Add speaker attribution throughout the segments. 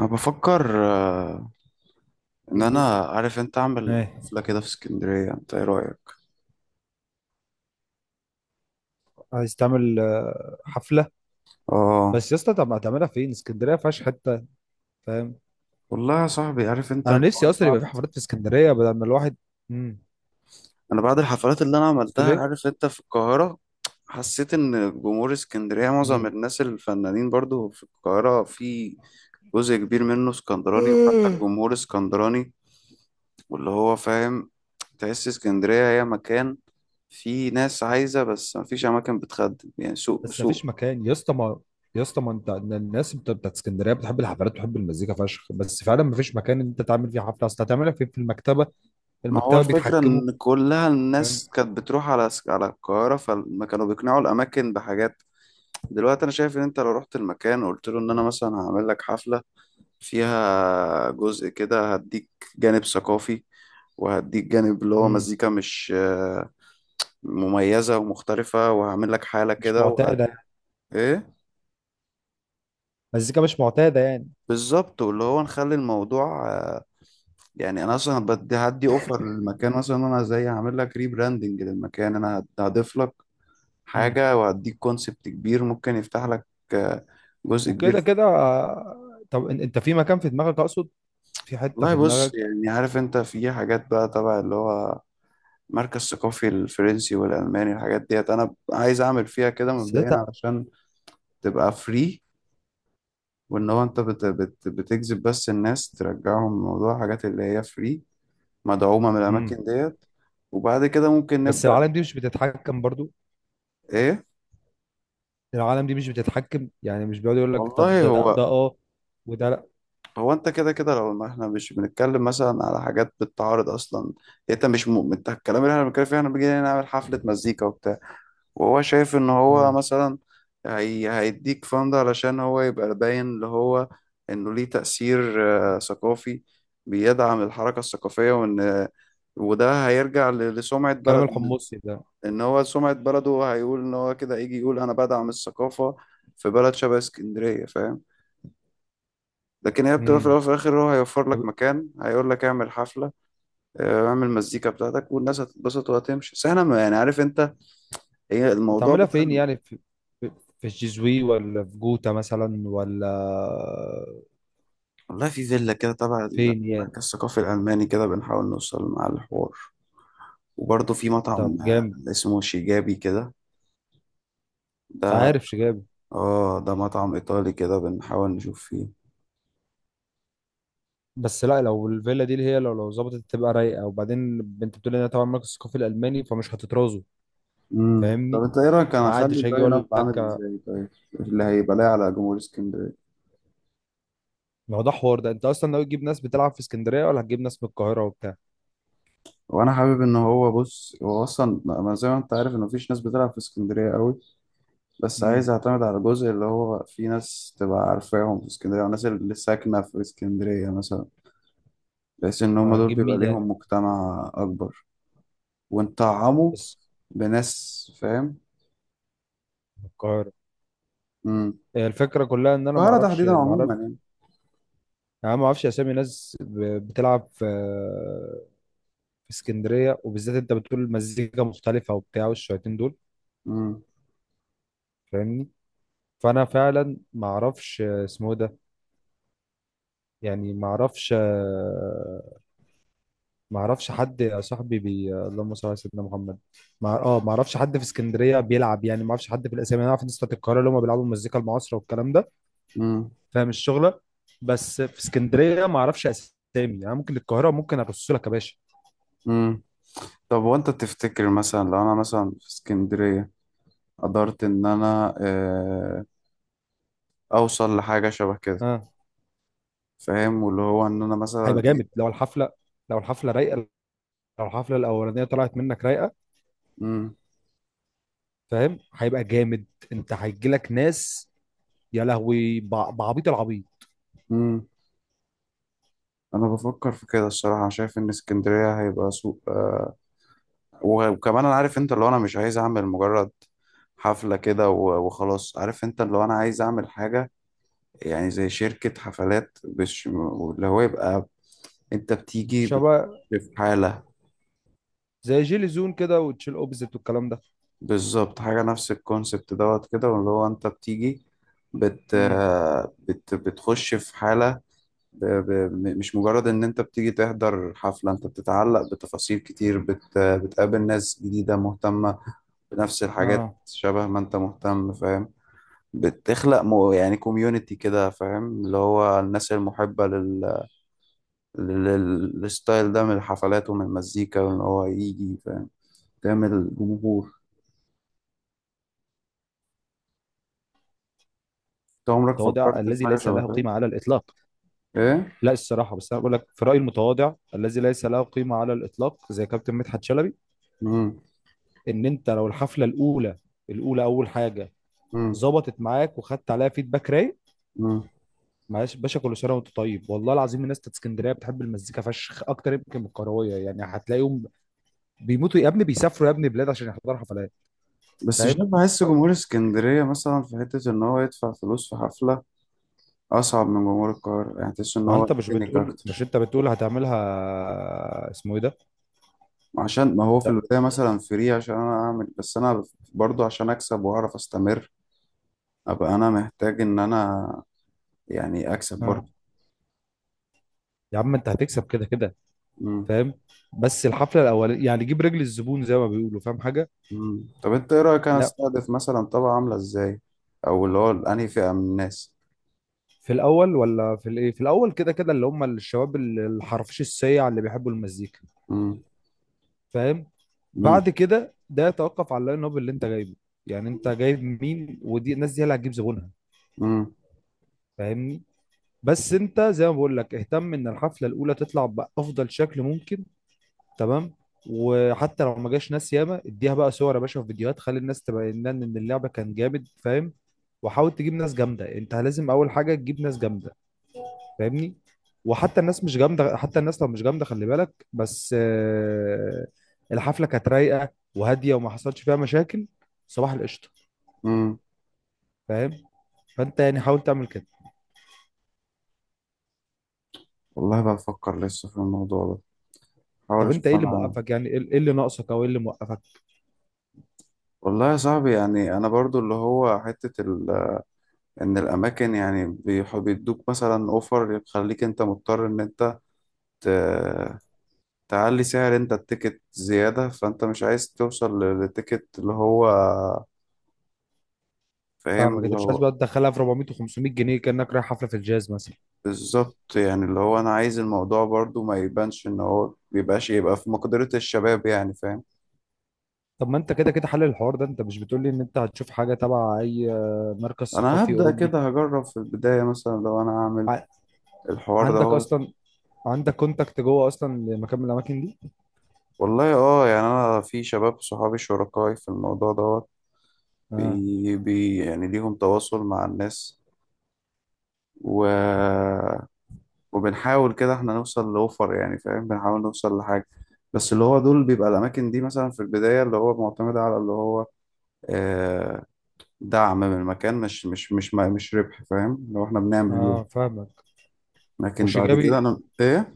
Speaker 1: انا بفكر ان انا
Speaker 2: ليه-
Speaker 1: عارف انت اعمل
Speaker 2: ايه؟
Speaker 1: حفله كده في اسكندريه. انت ايه رايك؟
Speaker 2: عايز تعمل حفله؟
Speaker 1: اه،
Speaker 2: بس يا اسطى، طب ما هتعملها فين؟ اسكندريه ما فيهاش حته. فاهم.
Speaker 1: والله يا صاحبي عارف انت
Speaker 2: انا
Speaker 1: انا.
Speaker 2: نفسي
Speaker 1: أنا
Speaker 2: اصلا يبقى
Speaker 1: بعد
Speaker 2: في حفلات في اسكندريه بدل ما الواحد. امم
Speaker 1: انا بعد الحفلات اللي انا
Speaker 2: قلت له
Speaker 1: عملتها
Speaker 2: ليه.
Speaker 1: عارف انت في القاهره، حسيت ان جمهور اسكندريه معظم
Speaker 2: امم
Speaker 1: الناس الفنانين برضو في القاهره، في جزء كبير منه اسكندراني وحتى الجمهور اسكندراني واللي هو فاهم. تحس اسكندريه هي مكان فيه ناس عايزه بس مفيش اماكن بتخدم، يعني سوق
Speaker 2: بس ما
Speaker 1: سوق.
Speaker 2: فيش مكان يا اسطى، ما انت الناس بتاعت اسكندريه بتحب الحفلات وتحب المزيكا فشخ، بس فعلا ما فيش مكان انت تعمل فيه حفله. اصل هتعملها فين؟ في المكتبه؟
Speaker 1: ما هو
Speaker 2: المكتبه
Speaker 1: الفكرة
Speaker 2: بيتحكموا.
Speaker 1: إن كلها
Speaker 2: فاهم.
Speaker 1: الناس كانت بتروح على القاهرة، فما كانوا بيقنعوا الأماكن بحاجات. دلوقتي أنا شايف إن أنت لو رحت المكان وقلت له إن أنا مثلا هعمل لك حفلة فيها جزء كده، هديك جانب ثقافي وهديك جانب اللي هو
Speaker 2: امم
Speaker 1: مزيكا مش مميزة ومختلفة، وهعمل لك حالة
Speaker 2: مش
Speaker 1: كده وهت...
Speaker 2: معتاده يعني.
Speaker 1: إيه
Speaker 2: مزيكا مش معتاده يعني.
Speaker 1: بالظبط، واللي هو نخلي الموضوع يعني أنا أصلا بدي هدي أوفر للمكان، مثلا أنا زي هعمل لك ريبراندنج للمكان، أنا هضيف لك
Speaker 2: امم
Speaker 1: حاجة وأديك كونسبت كبير ممكن يفتح لك آه، جزء كبير.
Speaker 2: وكده كده. طب انت في مكان في دماغك؟ اقصد في حته
Speaker 1: والله
Speaker 2: في
Speaker 1: بص،
Speaker 2: دماغك؟
Speaker 1: يعني عارف انت في حاجات بقى تبع اللي هو مركز ثقافي الفرنسي والألماني، الحاجات ديت أنا عايز أعمل فيها كده
Speaker 2: بس ده
Speaker 1: مبدئيا
Speaker 2: تق-
Speaker 1: علشان تبقى فري، وإن هو أنت بت بتجذب بس الناس، ترجعهم موضوع حاجات اللي هي فري مدعومة من
Speaker 2: مم.
Speaker 1: الأماكن ديت، وبعد كده ممكن
Speaker 2: بس
Speaker 1: نبدأ.
Speaker 2: العالم دي مش بتتحكم برضو؟
Speaker 1: إيه،
Speaker 2: العالم دي مش بتتحكم يعني، مش بيقعد يقول لك طب
Speaker 1: والله
Speaker 2: ده
Speaker 1: هو.
Speaker 2: اه وده لا؟
Speaker 1: هو انت كده كده لو ما احنا مش بنتكلم مثلا على حاجات بتتعارض اصلا، انت مش مؤمن انت الكلام اللي احنا بنتكلم فيه، احنا بنيجي نعمل حفلة مزيكا وبتاع، وهو شايف ان هو
Speaker 2: مم.
Speaker 1: مثلا هيديك فند علشان هو يبقى باين اللي هو انه ليه تأثير ثقافي بيدعم الحركة الثقافية، وان وده هيرجع لسمعة
Speaker 2: كلام
Speaker 1: بلده.
Speaker 2: الحمصي ده.
Speaker 1: ان هو سمعة بلده، هيقول ان هو كده، يجي يقول انا بدعم الثقافة في بلد شبه اسكندرية، فاهم؟ لكن هي بتبقى في
Speaker 2: مم.
Speaker 1: الأول وفي الآخر هو هيوفر لك
Speaker 2: طب
Speaker 1: مكان، هيقول لك اعمل حفلة، اعمل مزيكا بتاعتك والناس هتتبسط وهتمشي. بس احنا يعني عارف انت، هي الموضوع
Speaker 2: بتعملها
Speaker 1: بتاع.
Speaker 2: فين يعني؟ في في في الجيزوي ولا في جوتا مثلا ولا؟
Speaker 1: والله في فيلا كده تبع
Speaker 2: فين يعني؟
Speaker 1: المركز الثقافي الألماني، كده بنحاول نوصل مع الحوار، وبرضه في مطعم
Speaker 2: طب جامد.
Speaker 1: اسمه شيجابي كده. ده
Speaker 2: عارف شجاب؟
Speaker 1: اه ده مطعم إيطالي كده بنحاول نشوف فيه.
Speaker 2: بس لا، لو الفيلا دي اللي هي، لو ظبطت تبقى رايقه، وبعدين انت بتقول انها طبعا مركز ثقافي الالماني، فمش هتترازوا.
Speaker 1: امم، طب
Speaker 2: فاهمني.
Speaker 1: انت ايه رأيك انا
Speaker 2: ما
Speaker 1: اخلي
Speaker 2: عادش هيجي
Speaker 1: اللاين اب
Speaker 2: يقول لك.
Speaker 1: عامل ازاي؟ طيب اللي هيبقى لاقي على جمهور اسكندرية.
Speaker 2: ما هو ده حوار. ده انت اصلا ناوي تجيب ناس بتلعب في اسكندريه ولا هتجيب ناس من القاهره وبتاع؟
Speaker 1: وانا حابب ان هو، بص هو اصلا، ما زي ما انت عارف ان مفيش ناس بتلعب في اسكندريه قوي، بس
Speaker 2: امم
Speaker 1: عايز اعتمد على الجزء اللي هو في ناس تبقى عارفاهم في اسكندريه، والناس اللي ساكنه في اسكندريه مثلا، بحيث ان هم دول
Speaker 2: هتجيب مين
Speaker 1: بيبقى
Speaker 2: يعني؟
Speaker 1: ليهم مجتمع اكبر، ونطعمه
Speaker 2: بس
Speaker 1: بناس، فاهم؟
Speaker 2: من القاهره؟
Speaker 1: امم،
Speaker 2: هي الفكره كلها ان انا ما
Speaker 1: القاهره
Speaker 2: اعرفش
Speaker 1: تحديدا
Speaker 2: يعني، ما اعرف
Speaker 1: عموما يعني.
Speaker 2: يعني. أنا ما اعرفش اسامي ناس بتلعب في في اسكندريه، وبالذات انت بتقول المزيكا مختلفه وبتاع والشويتين دول.
Speaker 1: امم.
Speaker 2: فاهمني. فانا فعلا ما اعرفش اسمه إيه ده، يعني ما اعرفش، ما اعرفش حد يا صاحبي اللهم صل على سيدنا محمد. ما ما اعرفش حد في اسكندريه بيلعب، يعني ما اعرفش حد في الاسامي. انا اعرف ناس بتاعت القاهره، اللي هم بيلعبوا المزيكا المعاصره والكلام ده.
Speaker 1: امم.
Speaker 2: فاهم الشغله. بس في اسكندريه ما اعرفش اسامي. يعني ممكن القاهره ممكن ارص لك يا باشا.
Speaker 1: امم، طب وانت تفتكر مثلا لو انا مثلا في اسكندريه قدرت ان انا اوصل لحاجه شبه كده،
Speaker 2: اه
Speaker 1: فاهم؟ واللي هو ان انا
Speaker 2: هيبقى
Speaker 1: مثلا.
Speaker 2: جامد لو الحفله، لو الحفله رايقه، لو الحفله الاولانيه طلعت منك رايقه.
Speaker 1: مم.
Speaker 2: فاهم، هيبقى جامد. انت هيجي لك ناس يا لهوي، بعبيط العبيط.
Speaker 1: مم. انا بفكر في كده، الصراحه شايف ان اسكندريه هيبقى سوق آه، وكمان انا عارف انت اللي هو انا مش عايز اعمل مجرد حفله كده وخلاص، عارف انت اللي هو انا عايز اعمل حاجه، يعني زي شركه حفلات، مش اللي هو يبقى انت بتيجي
Speaker 2: شباب
Speaker 1: في حاله.
Speaker 2: زي جيلي زون كده وتشيل اوبزيت والكلام ده.
Speaker 1: بالظبط، حاجه نفس الكونسبت دوت كده، واللي هو انت بتيجي بت
Speaker 2: امم
Speaker 1: آه، بت بتخش في حاله، مش مجرد ان انت بتيجي تحضر حفلة، انت بتتعلق بتفاصيل كتير، بتقابل ناس جديدة مهتمة بنفس الحاجات
Speaker 2: اه
Speaker 1: شبه ما انت مهتم، فاهم؟ بتخلق مو يعني كوميونتي كده، فاهم؟ اللي هو الناس المحبة لل... للستايل ده من الحفلات ومن المزيكا، وان هو يجي، فاهم؟ تعمل جمهور. انت عمرك
Speaker 2: المتواضع
Speaker 1: فكرت في
Speaker 2: الذي
Speaker 1: حاجة
Speaker 2: ليس
Speaker 1: شبه
Speaker 2: له
Speaker 1: كده؟
Speaker 2: قيمة على الإطلاق.
Speaker 1: ايه؟
Speaker 2: لا الصراحة، بس أنا بقول لك في رأيي المتواضع الذي ليس له قيمة على الإطلاق زي كابتن مدحت شلبي،
Speaker 1: مم.
Speaker 2: إن أنت لو الحفلة الأولى، الأولى، أول حاجة،
Speaker 1: مم.
Speaker 2: ظبطت معاك وخدت عليها فيدباك رايق.
Speaker 1: مم.
Speaker 2: معلش باشا، كل سنة وأنت طيب، والله العظيم الناس بتاعت اسكندرية بتحب المزيكا فشخ، أكتر يمكن من الكروية. يعني هتلاقيهم بيموتوا يا ابني، بيسافروا يا ابني بلاد عشان يحضروا حفلات.
Speaker 1: بس
Speaker 2: فاهم.
Speaker 1: شايف، بحس جمهور اسكندرية مثلا في حتة إن هو يدفع فلوس في حفلة اصعب من جمهور القاهره، يعني تحس ان
Speaker 2: ما
Speaker 1: هو
Speaker 2: انت مش
Speaker 1: تكنيك
Speaker 2: بتقول، مش
Speaker 1: اكتر.
Speaker 2: انت بتقول هتعملها اسمه ايه ده؟
Speaker 1: عشان ما هو في
Speaker 2: لا.
Speaker 1: البدايه مثلا فري، عشان انا اعمل، بس انا برضو عشان اكسب واعرف استمر، ابقى انا محتاج ان انا يعني اكسب
Speaker 2: آه.
Speaker 1: برضو.
Speaker 2: يا عم انت هتكسب كده كده.
Speaker 1: مم.
Speaker 2: فاهم. بس الحفله الاولانيه يعني جيب رجل الزبون زي ما بيقولوا. فاهم حاجه؟
Speaker 1: مم. طب انت ايه رايك انا
Speaker 2: لا
Speaker 1: استهدف مثلا طبقه عامله ازاي، او اللي هو انهي فئه من الناس؟
Speaker 2: في الاول ولا في الايه. في الاول كده كده اللي هم الشباب الحرفيش السيع اللي بيحبوا المزيكا.
Speaker 1: مم.
Speaker 2: فاهم.
Speaker 1: مم.
Speaker 2: بعد كده ده يتوقف على اللاين اب اللي انت جايبه. يعني انت جايب مين، ودي الناس دي هي اللي هتجيب زبونها.
Speaker 1: مم.
Speaker 2: فاهمني. بس انت زي ما بقول لك، اهتم ان الحفله الاولى تطلع بافضل شكل ممكن، تمام؟ وحتى لو ما جاش ناس ياما، اديها بقى صور يا باشا، في فيديوهات، خلي الناس تبين لنا ان اللعبه كان جامد. فاهم. وحاول تجيب ناس جامده، انت لازم اول حاجه تجيب ناس جامده. فاهمني. وحتى الناس مش جامده، حتى الناس لو مش جامده، خلي بالك بس الحفله كانت رايقه وهاديه وما حصلش فيها مشاكل، صباح القشطه.
Speaker 1: مم.
Speaker 2: فاهم. فانت يعني حاول تعمل كده.
Speaker 1: والله بفكر لسه في الموضوع ده، حاول
Speaker 2: طب انت
Speaker 1: اشوف
Speaker 2: ايه اللي
Speaker 1: انا.
Speaker 2: موقفك يعني، ايه إيه اللي ناقصك، او ايه اللي موقفك؟
Speaker 1: والله يا صاحبي، يعني انا برضو اللي هو حته ال ان الاماكن يعني بيدوك مثلا اوفر يخليك انت مضطر ان انت ت- تعلي سعر انت التيكت زيادة، فانت مش عايز توصل للتيكت اللي هو فاهم
Speaker 2: فاهمك،
Speaker 1: اللي
Speaker 2: انت مش عايز
Speaker 1: هو.
Speaker 2: بقى تدخلها في 400 و500 جنيه كانك رايح حفله في الجاز مثلا.
Speaker 1: بالظبط، يعني اللي هو انا عايز الموضوع برضو ما يبانش ان هو بيبقاش، يبقى في مقدرة الشباب يعني، فاهم؟
Speaker 2: طب ما انت كده كده حل الحوار ده، انت مش بتقولي ان انت هتشوف حاجه تبع اي مركز
Speaker 1: انا
Speaker 2: ثقافي
Speaker 1: هبدأ
Speaker 2: اوروبي؟
Speaker 1: كده هجرب في البداية، مثلا لو انا هعمل
Speaker 2: ع-
Speaker 1: الحوار ده
Speaker 2: عندك
Speaker 1: هو.
Speaker 2: اصلا، عندك كونتاكت جوه اصلا لمكان من الاماكن دي؟
Speaker 1: والله اه، يعني انا في شباب صحابي شركائي في الموضوع دوت،
Speaker 2: اه.
Speaker 1: بي يعني ليهم تواصل مع الناس، و... وبنحاول كده احنا نوصل لأوفر يعني، فاهم؟ بنحاول نوصل لحاجة. بس اللي هو دول بيبقى الأماكن دي مثلا في البداية اللي هو معتمدة على اللي هو آه، دعم من المكان، مش ربح، فاهم؟ لو احنا بنعمل يوم.
Speaker 2: اه فاهمك.
Speaker 1: لكن بعد كده
Speaker 2: وشجابي،
Speaker 1: أنا إيه،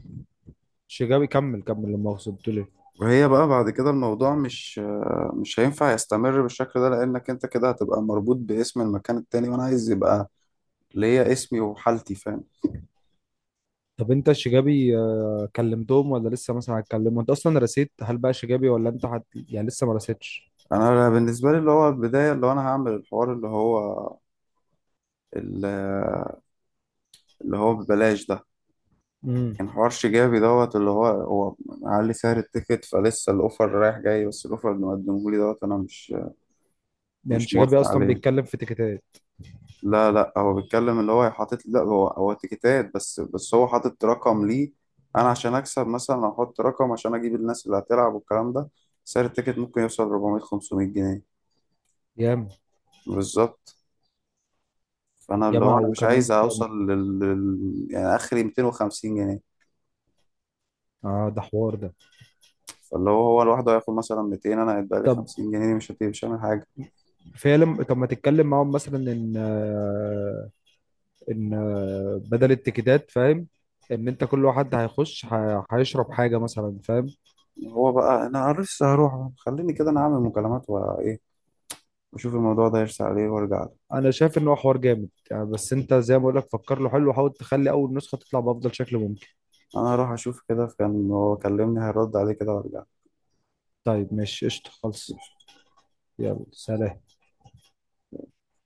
Speaker 2: شجابي كمل كمل، لما اقصد بتقول ايه؟
Speaker 1: وهي بقى بعد كده الموضوع مش مش هينفع يستمر بالشكل ده، لأنك أنت كده هتبقى مربوط باسم المكان التاني، وأنا عايز يبقى ليا اسمي وحالتي، فاهم؟
Speaker 2: طب انت شجابي كلمتهم ولا لسه مثلا هتكلمهم؟ انت اصلا رسيت هل بقى شجابي، ولا انت يعني لسه ما رسيتش؟
Speaker 1: أنا بالنسبة لي اللي هو البداية اللي هو أنا هعمل الحوار اللي هو ال- اللي هو ببلاش ده،
Speaker 2: امم
Speaker 1: كان حوار شجابي دوت اللي هو هو معلي سعر التيكت، فلسه الاوفر رايح جاي، بس الاوفر اللي مقدمه لي دوت انا مش
Speaker 2: يعني
Speaker 1: مش
Speaker 2: شجابي
Speaker 1: موافق
Speaker 2: اصلا
Speaker 1: عليه.
Speaker 2: بيتكلم في تيكيتات؟
Speaker 1: لا هو بيتكلم اللي هو حاطط، لا هو هو تيكتات، بس هو حاطط رقم ليه. انا عشان اكسب مثلا احط رقم عشان اجيب الناس اللي هتلعب والكلام ده، سعر التيكت ممكن يوصل 400 500 جنيه.
Speaker 2: ياما.
Speaker 1: بالظبط، فانا اللي هو
Speaker 2: ياما
Speaker 1: انا مش
Speaker 2: وكمان.
Speaker 1: عايز اوصل يعني اخري 250 جنيه.
Speaker 2: اه ده حوار. ده
Speaker 1: فاللي هو هو لوحده هياخد مثلا 200، انا هيتبقى لي
Speaker 2: طب
Speaker 1: 50 جنيه، دي مش هتبقى، مش هعمل حاجه.
Speaker 2: فعلا، طب ما تتكلم معاهم مثلا ان بدل التيكيتات، فاهم، ان انت كل واحد هيخش هيشرب حاجه مثلا، فاهم؟
Speaker 1: هو بقى انا لسه هروح، خليني كده انا اعمل مكالمات وايه، واشوف الموضوع ده يرسى عليه وارجع له.
Speaker 2: انا شايف ان هو حوار جامد يعني، بس انت زي ما بقول لك فكر له حلو وحاول تخلي اول نسخه تطلع بافضل شكل ممكن.
Speaker 1: انا هروح اشوف كده، كان هو كلمني هيرد عليه كده، وارجع
Speaker 2: طيب ماشي، قشطه، خلص. يلا سلام.
Speaker 1: له.